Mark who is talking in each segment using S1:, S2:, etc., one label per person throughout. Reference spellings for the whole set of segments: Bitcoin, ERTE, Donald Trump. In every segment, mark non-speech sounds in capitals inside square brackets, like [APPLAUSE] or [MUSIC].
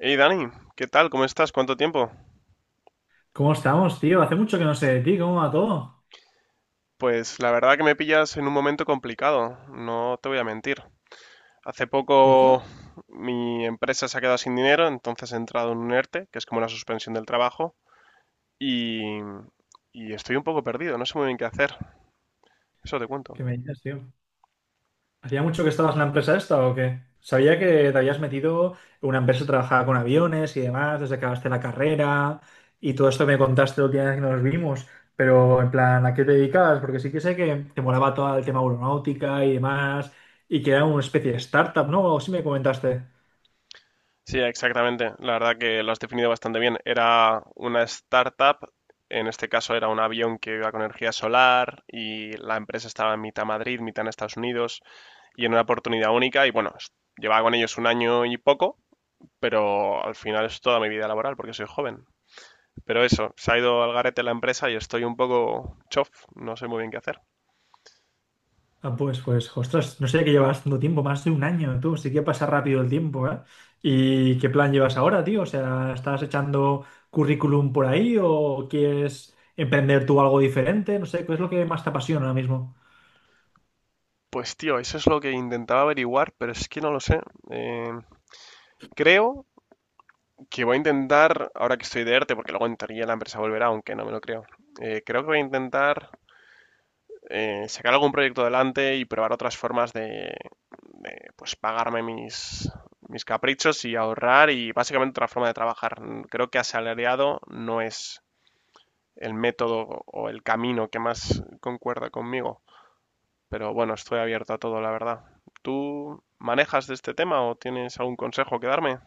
S1: Hey Dani, ¿qué tal? ¿Cómo estás? ¿Cuánto tiempo?
S2: ¿Cómo estamos, tío? Hace mucho que no sé de ti, ¿cómo va todo?
S1: Pues la verdad que me pillas en un momento complicado, no te voy a mentir. Hace
S2: ¿Y
S1: poco
S2: eso?
S1: mi empresa se ha quedado sin dinero, entonces he entrado en un ERTE, que es como una suspensión del trabajo, y, y estoy un poco perdido, no sé muy bien qué hacer. Eso te cuento.
S2: ¿Qué me dices, tío? ¿Hacía mucho que estabas en la empresa esta o qué? Sabía que te habías metido en una empresa que trabajaba con aviones y demás, desde que acabaste la carrera y todo esto me contaste la última vez que nos vimos, pero en plan, ¿a qué te dedicabas? Porque sí que sé que te molaba todo el tema aeronáutica y demás, y que era una especie de startup, ¿no? O sí me comentaste.
S1: Sí, exactamente. La verdad que lo has definido bastante bien. Era una startup, en este caso era un avión que iba con energía solar y la empresa estaba en mitad Madrid, mitad en Estados Unidos, y en una oportunidad única. Y bueno, llevaba con ellos un año y poco, pero al final es toda mi vida laboral porque soy joven. Pero eso, se ha ido al garete la empresa y estoy un poco chof, no sé muy bien qué hacer.
S2: Ah, pues, ostras, no sé que llevas tanto tiempo, más de un año, tú, sí que pasa rápido el tiempo, ¿eh? ¿Y qué plan llevas ahora, tío? O sea, ¿estás echando currículum por ahí o quieres emprender tú algo diferente? No sé, ¿qué es lo que más te apasiona ahora mismo?
S1: Pues tío, eso es lo que intentaba averiguar, pero es que no lo sé. Eh, creo que voy a intentar, ahora que estoy de ERTE, porque luego en teoría la empresa volverá, aunque no me lo creo. Creo que voy a intentar sacar algún proyecto adelante y probar otras formas de pues pagarme mis caprichos y ahorrar y básicamente otra forma de trabajar. Creo que asalariado no es el método o el camino que más concuerda conmigo, pero bueno, estoy abierto a todo, la verdad. ¿Tú manejas de este tema o tienes algún consejo que darme?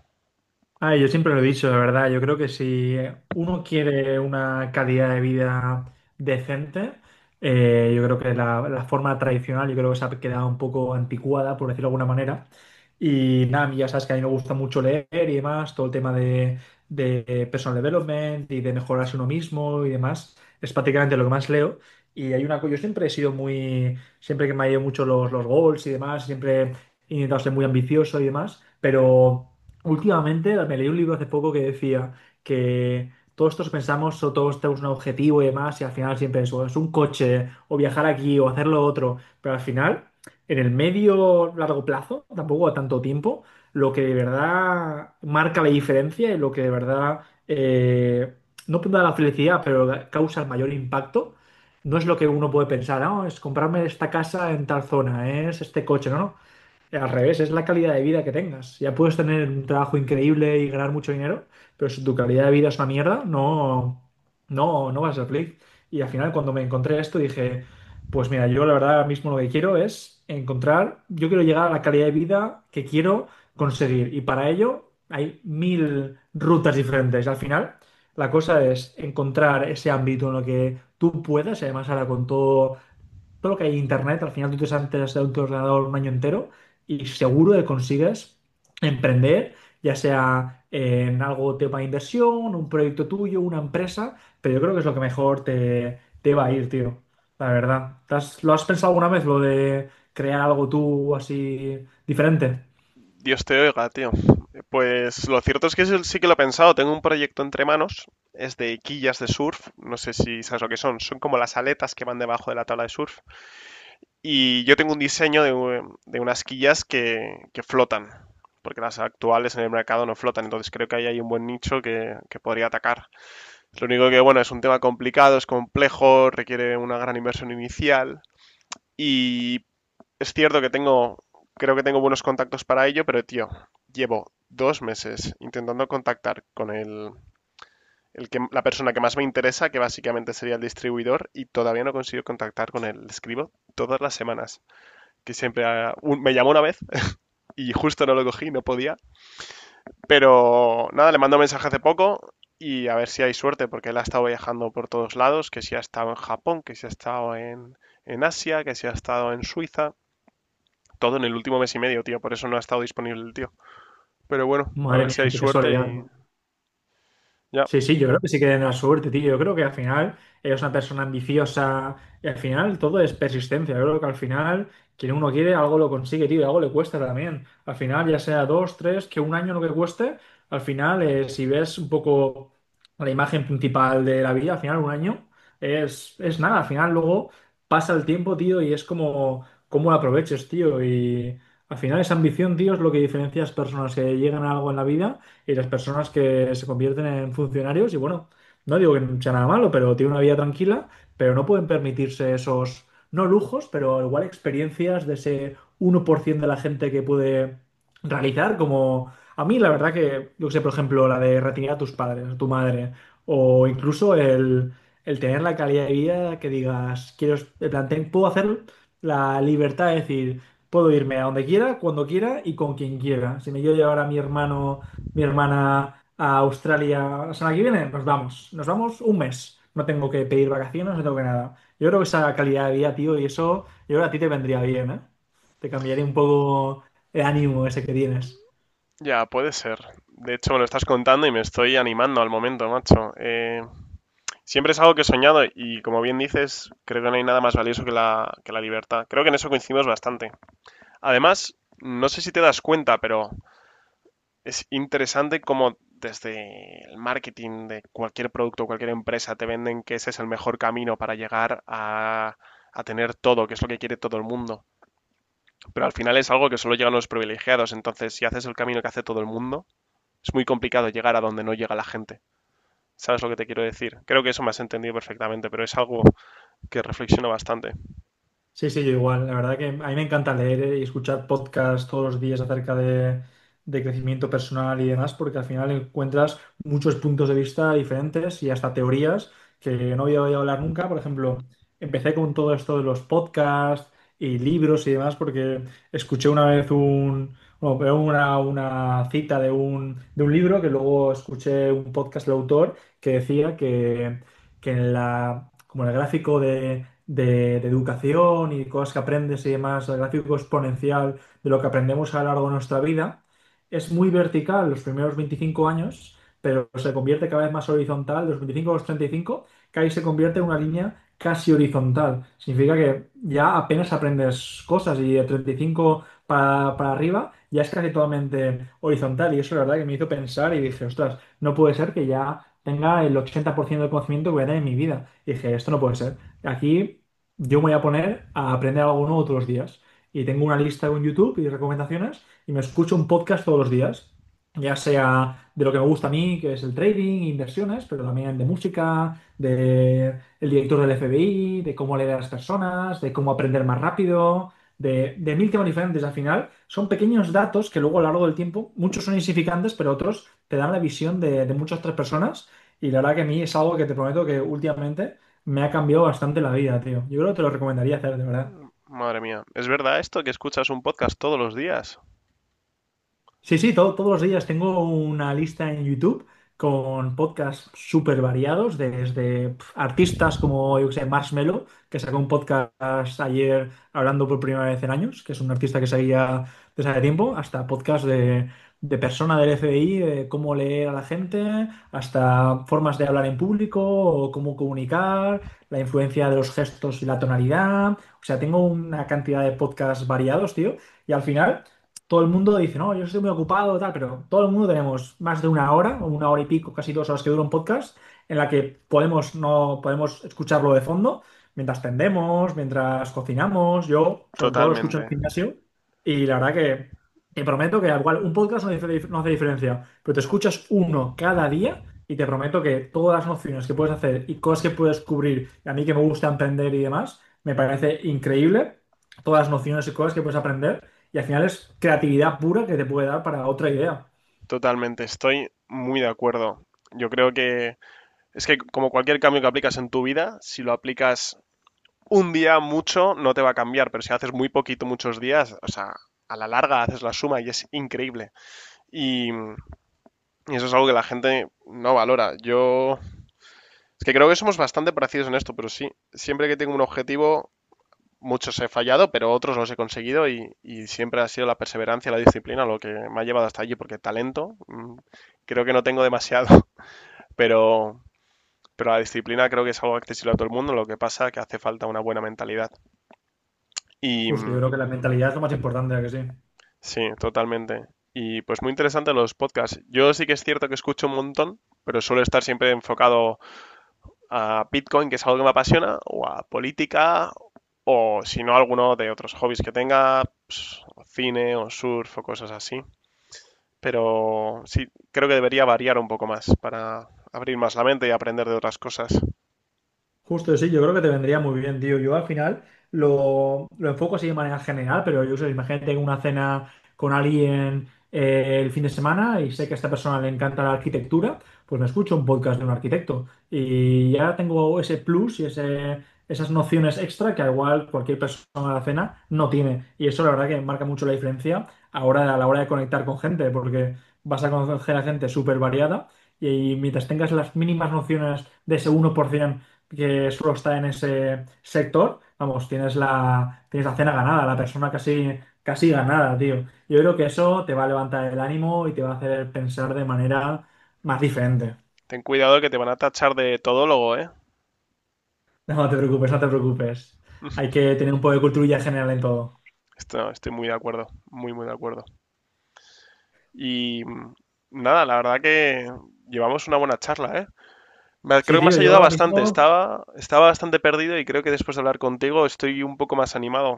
S2: Ah, yo siempre lo he dicho, la verdad. Yo creo que si uno quiere una calidad de vida decente, yo creo que la forma tradicional, yo creo que se ha quedado un poco anticuada, por decirlo de alguna manera. Y nada, a mí ya sabes que a mí me gusta mucho leer y demás, todo el tema de personal development y de mejorarse uno mismo y demás, es prácticamente lo que más leo. Y hay una cosa, yo siempre he sido muy, siempre que me ha ido mucho los goals y demás, siempre he intentado ser muy ambicioso y demás, pero... Últimamente me leí un libro hace poco que decía que todos pensamos o todos tenemos un objetivo y demás y al final siempre es un coche o viajar aquí o hacer lo otro, pero al final en el medio largo plazo, tampoco a tanto tiempo, lo que de verdad marca la diferencia y lo que de verdad eh, no da la felicidad, pero causa el mayor impacto, no es lo que uno puede pensar, no es comprarme esta casa en tal zona, es este coche, no, no. Al revés, es la calidad de vida que tengas. Ya puedes tener un trabajo increíble y ganar mucho dinero, pero si tu calidad de vida es una mierda, no, no, no vas a ser feliz. Y al final, cuando me encontré esto, dije, pues mira, yo la verdad ahora mismo lo que quiero es encontrar, yo quiero llegar a la calidad de vida que quiero conseguir. Y para ello hay mil rutas diferentes. Al final, la cosa es encontrar ese ámbito en lo que tú puedas, y además ahora con todo lo que hay en internet, al final tú te sientas de tu ordenador un año entero y seguro que consigues emprender, ya sea en algo tema de inversión, un proyecto tuyo, una empresa, pero yo creo que es lo que mejor te va a ir, tío, la verdad. ¿Te has- ¿Lo has pensado alguna vez, lo de crear algo tú así diferente?
S1: Dios te oiga, tío. Pues lo cierto es que eso sí que lo he pensado. Tengo un proyecto entre manos. Es de quillas de surf. No sé si sabes lo que son. Son como las aletas que van debajo de la tabla de surf. Y yo tengo un diseño de, de unas quillas que flotan. Porque las actuales en el mercado no flotan. Entonces creo que ahí hay un buen nicho que podría atacar. Lo único que, bueno, es un tema complicado, es complejo, requiere una gran inversión inicial. Y es cierto que creo que tengo buenos contactos para ello, pero tío, llevo dos meses intentando contactar con la persona que más me interesa, que básicamente sería el distribuidor, y todavía no consigo contactar con él. Le escribo todas las semanas, que siempre me llamó una vez [LAUGHS] y justo no lo cogí, no podía. Pero nada, le mando un mensaje hace poco y a ver si hay suerte, porque él ha estado viajando por todos lados, que si ha estado en Japón, que si ha estado en Asia, que si ha estado en Suiza, todo en el último mes y medio, tío. Por eso no ha estado disponible el tío. Pero bueno, a
S2: Madre
S1: ver si
S2: mía,
S1: hay
S2: qué
S1: suerte
S2: casualidad,
S1: y
S2: ¿no?
S1: ya,
S2: Sí, sí, yo creo que sí que tienen la suerte, tío. Yo creo que al final ella es una persona ambiciosa y al final todo es persistencia. Yo creo que al final quien uno quiere algo lo consigue, tío, y algo le cuesta también. Al final, ya sea dos, tres, que un año lo que cueste, al final, si ves un poco la imagen principal de la vida, al final un año es nada. Al final luego pasa el tiempo, tío, y es como cómo lo aproveches, tío. Y al final esa ambición, tío, es lo que diferencia a las personas que llegan a algo en la vida y las personas que se convierten en funcionarios y bueno, no digo que no sea nada malo, pero tiene una vida tranquila, pero no pueden permitirse esos, no lujos, pero igual experiencias de ese 1% de la gente que puede realizar, como a mí la verdad que, yo que sé, por ejemplo, la de retirar a tus padres, a tu madre, o incluso el tener la calidad de vida que digas, quiero, me planteé- puedo hacer la libertad de decir, puedo irme a donde quiera, cuando quiera y con quien quiera. Si me quiero llevar a mi hermano mi hermana a Australia la semana que viene, nos vamos. Nos vamos un mes. No tengo que pedir vacaciones, no tengo que nada. Yo creo que esa calidad de vida, tío, y eso, yo creo que a ti te vendría bien, ¿eh? Te cambiaría un poco el ánimo ese que tienes.
S1: ya puede ser. De hecho, me lo estás contando y me estoy animando al momento, macho. Siempre es algo que he soñado y como bien dices, creo que no hay nada más valioso que que la libertad. Creo que en eso coincidimos bastante. Además, no sé si te das cuenta, pero es interesante cómo desde el marketing de cualquier producto, cualquier empresa, te venden que ese es el mejor camino para llegar a tener todo, que es lo que quiere todo el mundo. Pero al final es algo que solo llegan los privilegiados, entonces si haces el camino que hace todo el mundo, es muy complicado llegar a donde no llega la gente. ¿Sabes lo que te quiero decir? Creo que eso me has entendido perfectamente, pero es algo que reflexiono bastante.
S2: Sí, sí, yo igual. La verdad que a mí me encanta leer y escuchar podcasts todos los días acerca de crecimiento personal y demás, porque al final encuentras muchos puntos de vista diferentes y hasta teorías que no había oído hablar nunca. Por ejemplo, empecé con todo esto de los podcasts y libros y demás, porque escuché una vez bueno, pero una cita de de un libro que luego escuché un podcast del autor que decía que en la como el gráfico de educación y cosas que aprendes y demás, el gráfico exponencial de lo que aprendemos a lo largo de nuestra vida, es muy vertical los primeros 25 años, pero se convierte cada vez más horizontal, de los 25 a los 35, que ahí se convierte en una línea casi horizontal. Significa que ya apenas aprendes cosas y de 35 para arriba ya es casi totalmente horizontal y eso la verdad que me hizo pensar y dije, ostras, no puede ser que ya tenga el 80% del conocimiento que voy a tener en mi vida. Y dije, esto no puede ser. Aquí yo me voy a poner a aprender algo nuevo todos los días. Y tengo una lista en YouTube y recomendaciones y me escucho un podcast todos los días, ya sea de lo que me gusta a mí, que es el trading, inversiones, pero también de música, de el director del FBI, de cómo leer a las personas, de cómo aprender más rápido. De mil temas diferentes al final, son pequeños datos que luego a lo largo del tiempo, muchos son insignificantes, pero otros te dan la visión de muchas otras personas y la verdad que a mí es algo que te prometo que últimamente me ha cambiado bastante la vida, tío. Yo creo que te lo recomendaría hacer, de verdad.
S1: Madre mía, ¿es verdad esto que escuchas un podcast todos los días?
S2: Sí, sí, todos los días tengo una lista en YouTube con podcasts súper variados, desde pf, artistas como, yo que sé, Marshmello, que sacó un podcast ayer hablando por primera vez en años, que es un artista que seguía desde hace tiempo, hasta podcast de persona del FBI, de cómo leer a la gente, hasta formas de hablar en público o cómo comunicar, la influencia de los gestos y la tonalidad. O sea, tengo una cantidad de podcasts variados, tío. Y al final todo el mundo dice, no, yo estoy muy ocupado, tal, pero todo el mundo tenemos más de una hora, o una hora y pico, casi dos horas que dura un podcast, en la que podemos, no, podemos escucharlo de fondo mientras tendemos, mientras cocinamos. Yo, sobre todo, lo escucho
S1: Totalmente,
S2: en el gimnasio y la verdad que te prometo que, al igual, un podcast no, no hace diferencia, pero te escuchas uno cada día. Y te prometo que todas las nociones que puedes hacer y cosas que puedes cubrir, y a mí que me gusta emprender y demás, me parece increíble todas las nociones y cosas que puedes aprender. Y al final es creatividad pura que te puede dar para otra idea.
S1: totalmente, estoy muy de acuerdo. Yo creo que es que como cualquier cambio que aplicas en tu vida, si lo aplicas un día mucho, no te va a cambiar, pero si haces muy poquito muchos días, o sea, a la larga haces la suma y es increíble. Y eso es algo que la gente no valora. Yo es que creo que somos bastante parecidos en esto, pero sí, siempre que tengo un objetivo, muchos he fallado, pero otros los he conseguido y siempre ha sido la perseverancia, la disciplina lo que me ha llevado hasta allí, porque talento creo que no tengo demasiado, [LAUGHS] pero, pero la disciplina creo que es algo accesible a todo el mundo, lo que pasa es que hace falta una buena mentalidad. Y
S2: Justo, yo
S1: mm,
S2: creo que la mentalidad es lo más importante, ¿a que sí?
S1: sí, totalmente. Y pues muy interesante los podcasts. Yo sí que es cierto que escucho un montón, pero suelo estar siempre enfocado a Bitcoin, que es algo que me apasiona, o a política, o si no, alguno de otros hobbies que tenga, pues, cine o surf o cosas así. Pero sí, creo que debería variar un poco más para abrir más la mente y aprender de otras cosas.
S2: Justo sí, yo creo que te vendría muy bien, tío. Yo al final lo enfoco así de manera general, pero yo sé, imagínate tengo una cena con alguien el fin de semana y sé que a esta persona le encanta la arquitectura, pues me escucho un podcast de un arquitecto y ya tengo ese plus y ese, esas nociones extra que al igual cualquier persona de la cena no tiene. Y eso la verdad que marca mucho la diferencia ahora, a la hora de conectar con gente, porque vas a conocer a gente súper variada y mientras tengas las mínimas nociones de ese 1%, que solo está en ese sector, vamos, tienes la cena ganada, la persona casi, casi ganada, tío. Yo creo que eso te va a levantar el ánimo y te va a hacer pensar de manera más diferente.
S1: Ten cuidado que te van a tachar de todólogo, ¿eh?
S2: [LAUGHS] No te preocupes, no te preocupes. Hay que tener un poco de cultura general en todo.
S1: Estoy muy de acuerdo, muy de acuerdo. Y mm, Nada, la verdad que llevamos una buena charla, ¿eh?
S2: Sí,
S1: Creo que me
S2: tío,
S1: has
S2: yo
S1: ayudado
S2: ahora
S1: bastante.
S2: mismo...
S1: Estaba bastante perdido y creo que después de hablar contigo estoy un poco más animado.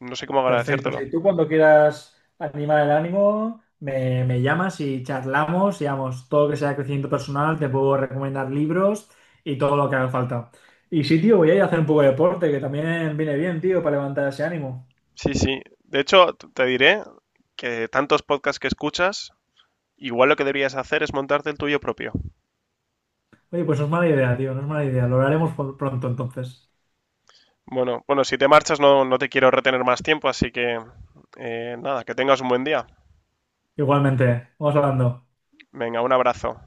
S1: No sé cómo
S2: Perfecto. Sí.
S1: agradecértelo.
S2: Si tú cuando quieras animar el ánimo, me llamas y charlamos, y vamos, todo lo que sea crecimiento personal, te puedo recomendar libros y todo lo que haga falta. Y sí, tío, voy a ir a hacer un poco de deporte, que también viene bien, tío, para levantar ese ánimo.
S1: Sí, sí. De hecho, te diré que tantos podcasts que escuchas, igual lo que deberías hacer es montarte el tuyo propio.
S2: Oye, pues no es mala idea, tío, no es mala idea. Lo haremos pronto entonces.
S1: Bueno, bueno, si te marchas no, no te quiero retener más tiempo, así que nada, que tengas un buen día.
S2: Igualmente, vamos hablando.
S1: Venga, un abrazo.